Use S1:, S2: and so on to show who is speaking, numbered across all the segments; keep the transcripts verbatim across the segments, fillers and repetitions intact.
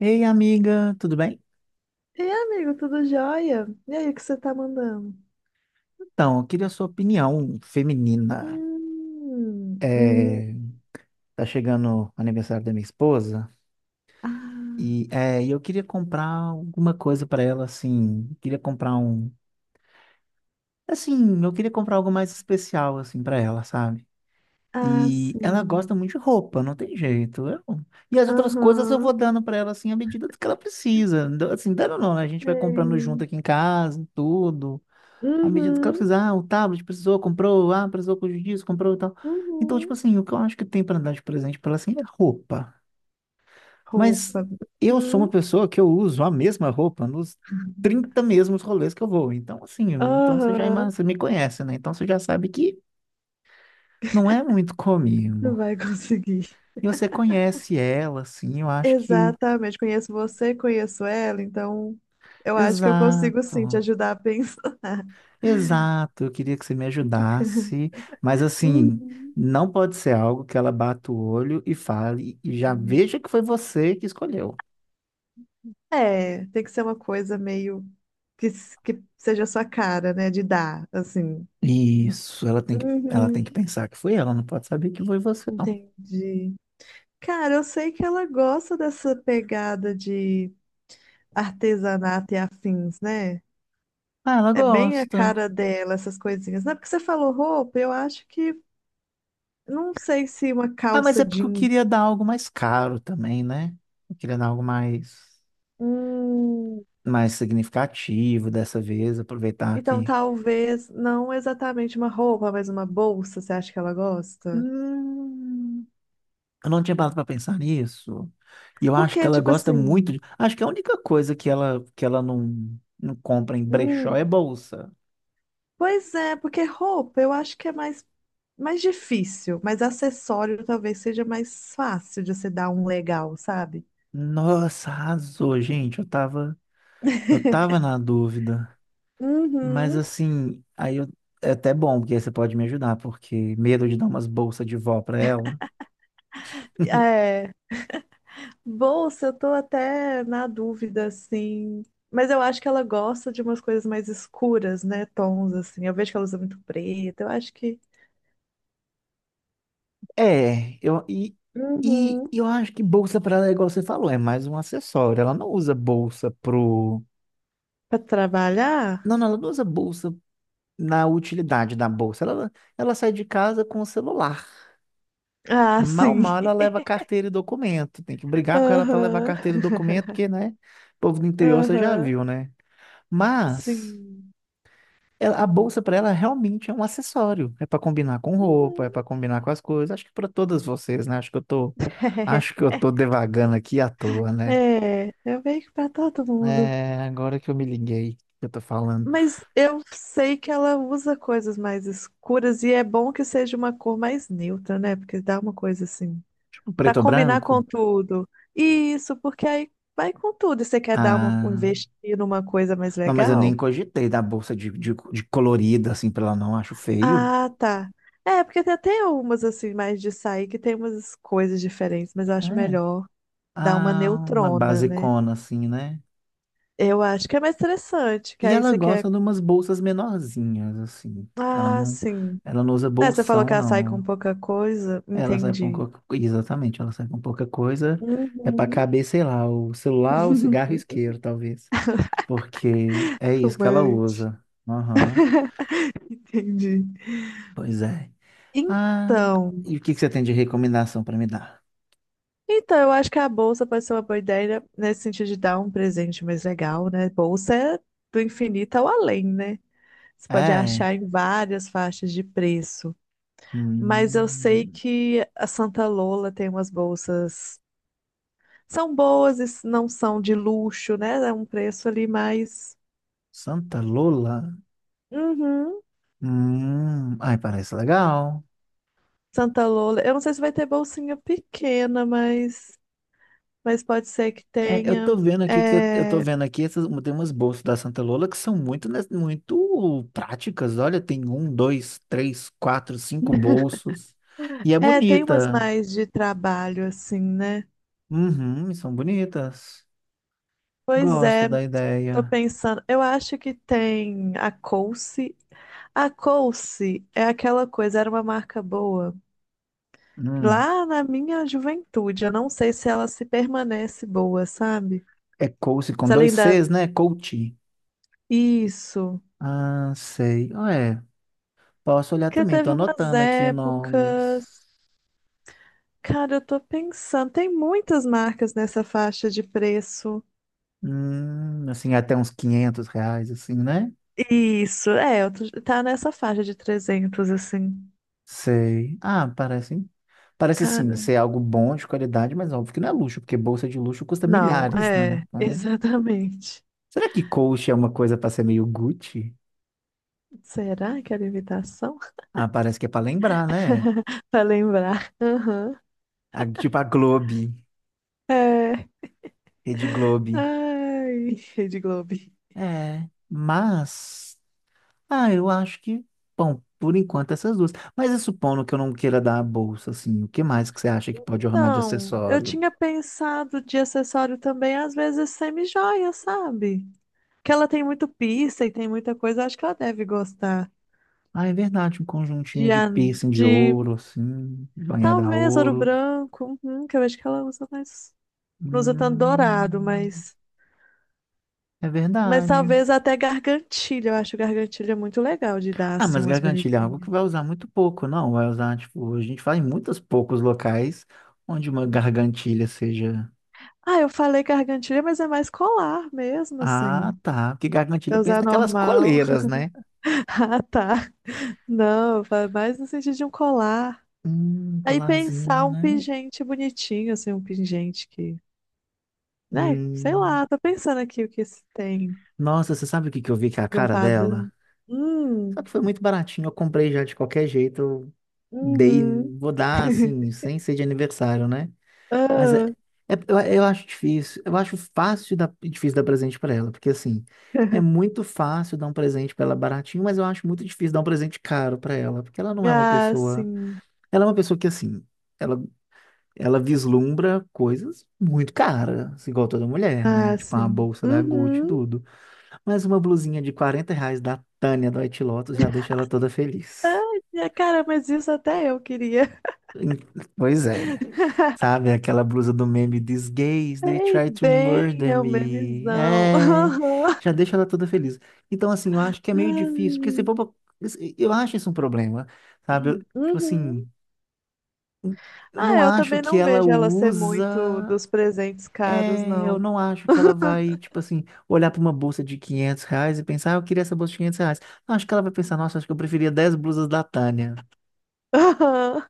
S1: Ei, amiga, tudo bem?
S2: E aí, amigo, tudo jóia? E aí, o que você tá mandando?
S1: Então, eu queria a sua opinião feminina.
S2: Hum, hum,
S1: É, tá chegando o aniversário da minha esposa
S2: ah,
S1: e é, e eu queria comprar alguma coisa pra ela, assim. Queria comprar um, assim, eu queria comprar algo mais especial, assim, pra ela, sabe?
S2: ah,
S1: E ela gosta
S2: sim.
S1: muito de roupa, não tem jeito. eu- E as outras coisas eu
S2: Aham.
S1: vou dando pra ela, assim, à medida do que ela precisa. Do- Assim, dando não, né? A gente vai comprando junto
S2: Sei.
S1: aqui em casa, tudo. À medida do que ela
S2: Uhum,
S1: fizer, ah, o tablet precisou, comprou, ah, precisou com disso, comprou e tal. Então, tipo
S2: uhum.
S1: assim, o que eu acho que tem pra dar de presente pra ela assim é roupa. Mas
S2: Roupa.
S1: eu sou uma
S2: Uhum.
S1: pessoa que eu uso a mesma roupa nos trinta mesmos rolês que eu vou. Então, assim, então você já
S2: Aham.
S1: ima- você me conhece, né? Então você já sabe que não é muito
S2: Não
S1: comigo.
S2: vai conseguir.
S1: E você conhece ela, assim, eu acho que.
S2: Exatamente. Conheço você, conheço ela, então eu acho que eu consigo sim te
S1: Exato.
S2: ajudar a pensar.
S1: Exato, eu queria que você me ajudasse, mas assim, não pode ser algo que ela bata o olho e fale e já
S2: Uhum.
S1: veja que foi você que escolheu.
S2: É, tem que ser uma coisa meio que, s- que seja a sua cara, né? De dar, assim.
S1: Isso, ela tem que, ela tem que
S2: Uhum,
S1: pensar que foi ela, não pode saber que foi você, não.
S2: entendi. Cara, eu sei que ela gosta dessa pegada de artesanato e afins, né?
S1: Ah, ela
S2: É bem a
S1: gosta.
S2: cara dela, essas coisinhas. Não é porque você falou roupa, eu acho que não sei se uma
S1: Ah, mas
S2: calça
S1: é porque eu
S2: jeans.
S1: queria dar algo mais caro também, né? Eu queria dar algo mais,
S2: Hum,
S1: mais significativo dessa vez, aproveitar
S2: então
S1: que.
S2: talvez não exatamente uma roupa, mas uma bolsa, você acha que ela gosta?
S1: Hum. Eu não tinha parado pra pensar nisso. E eu acho que
S2: Porque,
S1: ela
S2: tipo
S1: gosta muito
S2: assim.
S1: de. Acho que a única coisa que ela, que ela não, não compra em brechó é
S2: Hum,
S1: bolsa.
S2: pois é, porque roupa eu acho que é mais, mais difícil, mas acessório talvez seja mais fácil de se dar um legal, sabe?
S1: Nossa, arrasou, gente. Eu tava, eu tava na dúvida. Mas
S2: Uhum.
S1: assim, aí eu- é até bom, porque aí você pode me ajudar, porque medo de dar umas bolsas de vó pra ela.
S2: É. Bolsa, eu tô até na dúvida, assim. Mas eu acho que ela gosta de umas coisas mais escuras, né? Tons, assim. Eu vejo que ela usa muito preto. Eu acho que.
S1: É, eu, e, e
S2: Uhum.
S1: e eu acho que bolsa pra ela é igual você falou, é mais um acessório. Ela não usa bolsa pro.
S2: Pra
S1: Não,
S2: trabalhar?
S1: não, ela não usa bolsa na utilidade da bolsa. Ela, ela sai de casa com o celular.
S2: Ah,
S1: Mal, mal
S2: sim.
S1: ela leva carteira e documento. Tem que brigar com ela para levar
S2: Aham.
S1: carteira e documento, porque, né? O povo do interior você já
S2: Aham.
S1: viu, né? Mas
S2: Sim.
S1: ela- a bolsa para ela realmente é um acessório. É para combinar com roupa, é
S2: Uhum.
S1: para combinar com as coisas. Acho que para todas vocês, né? Acho que eu tô, acho que eu tô devagando aqui à toa, né?
S2: É, eu meio que pra todo mundo.
S1: É, agora que eu me liguei, que eu tô falando.
S2: Mas eu sei que ela usa coisas mais escuras e é bom que seja uma cor mais neutra, né? Porque dá uma coisa assim.
S1: Tipo,
S2: Pra
S1: preto ou
S2: combinar com
S1: branco?
S2: tudo. Isso, porque aí vai com tudo. E você quer dar uma,
S1: Ah.
S2: investir numa coisa mais
S1: Não, mas eu nem
S2: legal?
S1: cogitei da bolsa de, de, de colorida, assim, pra ela não, acho feio.
S2: Ah, tá. É, porque tem até umas assim, mais de sair, que tem umas coisas diferentes, mas eu acho
S1: É.
S2: melhor dar uma
S1: Ah, uma
S2: neutrona, né?
S1: basicona, assim, né?
S2: Eu acho que é mais interessante, que
S1: E
S2: aí
S1: ela
S2: você quer.
S1: gosta de umas bolsas menorzinhas, assim. Ela
S2: Ah,
S1: não,
S2: sim.
S1: ela não usa
S2: É, você falou que
S1: bolsão,
S2: ela sai com
S1: não.
S2: pouca coisa.
S1: Ela sai com
S2: Entendi.
S1: pouca, exatamente, ela sai com pouca coisa. É pra
S2: Uhum.
S1: caber, sei lá, o celular, o cigarro e o isqueiro, talvez. Porque é isso que ela
S2: Fumante.
S1: usa. Aham,
S2: Entendi.
S1: pois é. Ah,
S2: Então,
S1: e o que que você tem de recomendação pra me dar?
S2: então, eu acho que a bolsa pode ser uma boa ideia nesse sentido de dar um presente mais legal, né? Bolsa é do infinito ao além, né? Você pode
S1: É.
S2: achar em várias faixas de preço. Mas eu sei
S1: Hum.
S2: que a Santa Lola tem umas bolsas. São boas e não são de luxo, né? É um preço ali mais.
S1: Santa Lola?
S2: Uhum.
S1: Hum, ai, parece legal.
S2: Santa Lola. Eu não sei se vai ter bolsinha pequena, mas, mas pode ser que
S1: É, eu tô
S2: tenha.
S1: vendo aqui que eu tô
S2: É,
S1: vendo aqui essas, tem umas bolsas da Santa Lola que são muito, né, muito práticas. Olha, tem um, dois, três, quatro, cinco bolsos. E é
S2: é, tem umas
S1: bonita.
S2: mais de trabalho, assim, né?
S1: Uhum, são bonitas.
S2: Pois
S1: Gosto
S2: é,
S1: da
S2: tô
S1: ideia.
S2: pensando. Eu acho que tem a Coace. A Coace é aquela coisa, era uma marca boa.
S1: Hum,
S2: Lá na minha juventude, eu não sei se ela se permanece boa, sabe?
S1: é Coach com
S2: Se ela
S1: dois
S2: ainda.
S1: Cs, né? Coach.
S2: Isso.
S1: Ah, sei. Ah, é, posso olhar
S2: Porque
S1: também,
S2: teve
S1: tô
S2: umas
S1: anotando aqui os nomes.
S2: épocas. Cara, eu tô pensando, tem muitas marcas nessa faixa de preço.
S1: Hum, assim, até uns quinhentos reais, assim, né?
S2: Isso, é, eu tô- tá nessa faixa de trezentos assim.
S1: Sei. Ah, parece, parece sim
S2: Cara,
S1: ser algo bom, de qualidade, mas óbvio que não é luxo, porque bolsa de luxo custa
S2: não,
S1: milhares, né?
S2: é,
S1: Então,
S2: exatamente.
S1: será que Coach é uma coisa para ser meio Gucci?
S2: Será que era imitação?
S1: Ah, parece que é para lembrar, né?
S2: Pra lembrar. Aham.
S1: A- tipo a Globe,
S2: É.
S1: Rede Globe.
S2: Ai, Rede Globo.
S1: É, mas, ah, eu acho que, bom, por enquanto essas duas. Mas e supondo que eu não queira dar a bolsa, assim, o que mais que você acha que pode ornar de
S2: Então, eu
S1: acessório?
S2: tinha pensado de acessório também, às vezes semi-joia, sabe? Que ela tem muito pista e tem muita coisa, acho que ela deve gostar.
S1: Ah, é verdade, um conjuntinho
S2: De,
S1: de
S2: an-
S1: piercing de
S2: de
S1: ouro, assim, banhada a
S2: talvez ouro
S1: ouro.
S2: branco, uhum, que eu acho que ela usa mais. Não usa tanto dourado,
S1: Hum,
S2: mas.
S1: é
S2: Mas
S1: verdade.
S2: talvez até gargantilha. Eu acho gargantilha muito legal de dar,
S1: Ah,
S2: assim,
S1: mas
S2: umas
S1: gargantilha é algo que
S2: bonitinhas.
S1: vai usar muito pouco, não? Vai usar, tipo, a gente vai em muitos poucos locais onde uma gargantilha seja.
S2: Ah, eu falei gargantilha, mas é mais colar mesmo,
S1: Ah,
S2: assim.
S1: tá. Porque gargantilha
S2: É
S1: pensa
S2: usar
S1: naquelas
S2: normal.
S1: coleiras, né?
S2: Ah, tá. Não, eu falo mais no sentido de um colar.
S1: Hum,
S2: Aí pensar
S1: colarzinho,
S2: um
S1: né?
S2: pingente bonitinho, assim, um pingente que. Né? Sei
S1: Hum.
S2: lá, tô pensando aqui o que se tem
S1: Nossa, você sabe o que que eu vi que é a
S2: de um
S1: cara
S2: padrão.
S1: dela?
S2: Hum,
S1: Só que foi muito baratinho, eu comprei já de qualquer jeito. Eu dei,
S2: uhum.
S1: vou dar assim, sem ser de aniversário, né? Mas é,
S2: Ah.
S1: é- eu, eu acho difícil, eu acho fácil dar, difícil dar presente pra ela, porque assim, é muito fácil dar um presente pra ela baratinho, mas eu acho muito difícil dar um presente caro pra ela, porque ela não é uma
S2: Ah,
S1: pessoa,
S2: sim.
S1: ela é uma pessoa que assim, ela, ela vislumbra coisas muito caras, assim, igual toda mulher, né?
S2: Ah,
S1: Tipo uma
S2: sim.
S1: bolsa da Gucci, e
S2: Uhum.
S1: tudo. Mas uma blusinha de quarenta reais da Tânia do White Lotus já deixa ela toda feliz.
S2: Ai, minha cara, mas isso até eu queria.
S1: Pois é. Sabe aquela blusa do meme These gays, they
S2: Ei,
S1: try to
S2: bem,
S1: murder
S2: é o
S1: me.
S2: memezão.
S1: É, já deixa ela toda feliz. Então, assim, eu acho que é meio
S2: Aham.
S1: difícil, porque se for
S2: Ai.
S1: pra- eu acho isso um problema, sabe? Eu, tipo
S2: Uhum.
S1: assim, eu
S2: Ah,
S1: não
S2: eu
S1: acho
S2: também
S1: que
S2: não
S1: ela
S2: vejo ela ser muito
S1: usa.
S2: dos presentes caros,
S1: É, eu
S2: não.
S1: não acho que ela vai, tipo assim, olhar para uma bolsa de quinhentos reais e pensar, ah, eu queria essa bolsa de quinhentos reais. Não, acho que ela vai pensar, nossa, acho que eu preferia dez blusas da Tânia.
S2: Aham.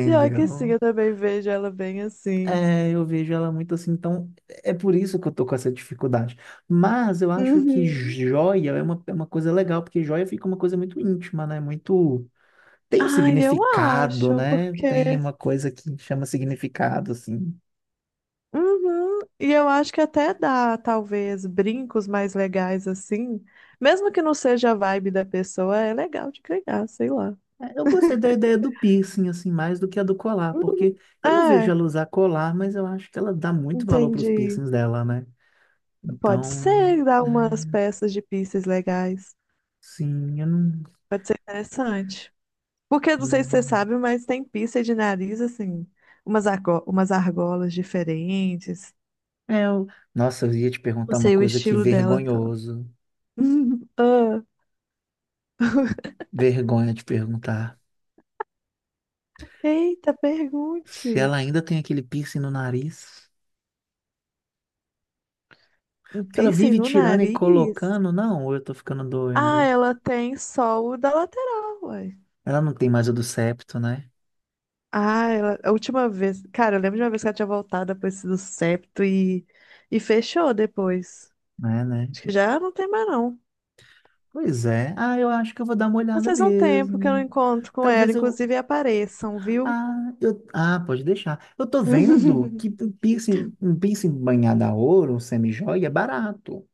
S2: Pior que sim, eu também vejo ela bem assim.
S1: É, eu vejo ela muito assim, então é por isso que eu tô com essa dificuldade. Mas eu acho que
S2: Uhum.
S1: joia é uma, é uma, coisa legal, porque joia fica uma coisa muito íntima, né? Muito. Tem um
S2: Ai, eu
S1: significado,
S2: acho,
S1: né? Tem
S2: porque
S1: uma coisa que chama significado, assim.
S2: uhum. E eu acho que até dá, talvez, brincos mais legais assim. Mesmo que não seja a vibe da pessoa, é legal de criar, sei lá.
S1: É, Eu gostei da ideia do piercing, assim, mais do que a do colar,
S2: Uhum.
S1: porque eu não vejo
S2: É,
S1: ela usar colar, mas eu acho que ela dá muito valor para os
S2: entendi.
S1: piercings dela, né?
S2: Pode
S1: Então,
S2: ser dar umas
S1: é,
S2: peças de pieces legais.
S1: sim, eu não.
S2: Pode ser interessante. Porque não sei se você sabe, mas tem pieces de nariz, assim, umas, argo- umas argolas diferentes.
S1: É, eu. Nossa, eu ia te
S2: Não
S1: perguntar uma
S2: sei o
S1: coisa que
S2: estilo dela tanto.
S1: vergonhoso.
S2: Ah,
S1: Vergonha de perguntar.
S2: eita,
S1: Se
S2: pergunte.
S1: ela ainda tem aquele piercing no nariz.
S2: Um
S1: Porque ela
S2: piercing
S1: vive
S2: no
S1: tirando e
S2: nariz?
S1: colocando. Não, ou eu tô ficando
S2: Ah,
S1: doido.
S2: ela tem só o da lateral, ué.
S1: Ela não tem mais o do septo, né?
S2: Ah, ela... a última vez. Cara, eu lembro de uma vez que ela tinha voltado depois do septo e... e fechou depois.
S1: Né, né?
S2: Acho que já não tem mais, não.
S1: Pois é. Ah, eu acho que eu vou dar uma
S2: Mas
S1: olhada
S2: faz um tempo que eu não
S1: mesmo.
S2: encontro com ela,
S1: Talvez eu.
S2: inclusive apareçam, viu?
S1: Ah, eu... ah, pode deixar. Eu tô vendo que um piercing, um piercing banhado a ouro, um semijoia, é barato.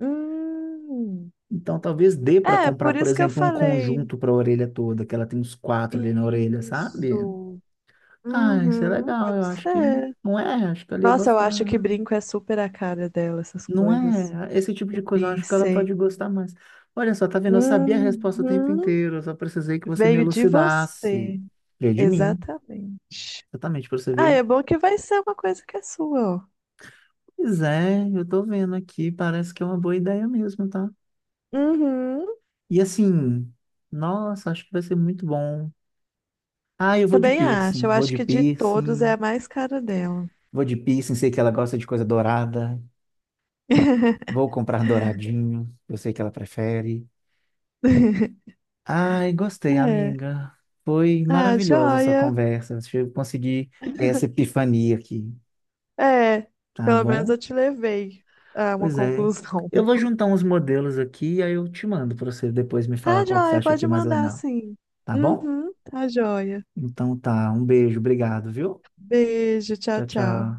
S2: Hum.
S1: Então, talvez dê para
S2: É,
S1: comprar,
S2: por
S1: por
S2: isso que eu
S1: exemplo, um
S2: falei.
S1: conjunto para a orelha toda, que ela tem uns quatro ali na orelha, sabe?
S2: Isso.
S1: Ah, isso é
S2: Uhum,
S1: legal,
S2: pode
S1: eu acho que
S2: ser.
S1: não é, acho que ela ia
S2: Nossa, eu
S1: gostar.
S2: acho que brinco é super a cara dela, essas
S1: Não
S2: coisas.
S1: é, esse tipo de coisa, eu acho que ela
S2: Difícil.
S1: pode gostar mais. Olha só, tá vendo? Eu sabia a resposta o tempo
S2: Uhum.
S1: inteiro, eu só precisei que você me
S2: Veio de
S1: elucidasse.
S2: você.
S1: Veio de mim,
S2: Exatamente.
S1: exatamente, para você
S2: Ah,
S1: ver.
S2: é bom que vai ser uma coisa que é sua, ó.
S1: Pois é, eu tô vendo aqui, parece que é uma boa ideia mesmo, tá?
S2: Uhum.
S1: E assim, nossa, acho que vai ser muito bom. Ah, eu vou de
S2: Também acho.
S1: piercing,
S2: Eu
S1: vou
S2: acho
S1: de
S2: que de todos é
S1: piercing.
S2: a mais cara dela.
S1: Vou de piercing, sei que ela gosta de coisa dourada. Vou comprar douradinho, eu sei que ela prefere. Ai, gostei,
S2: É.
S1: amiga. Foi
S2: Ah,
S1: maravilhosa essa
S2: joia.
S1: conversa. Acho que Eu consegui ter essa epifania aqui,
S2: É,
S1: tá
S2: pelo menos
S1: bom?
S2: eu te levei a uma
S1: Pois é.
S2: conclusão.
S1: Eu vou juntar uns modelos aqui e aí eu te mando para você depois me falar
S2: Tá,
S1: qual que você
S2: joia,
S1: acha que
S2: pode
S1: é mais
S2: mandar
S1: legal,
S2: sim.
S1: tá bom?
S2: Uhum, tá, joia.
S1: Então tá, um beijo, obrigado, viu?
S2: Beijo, tchau,
S1: Tchau, tchau.
S2: tchau.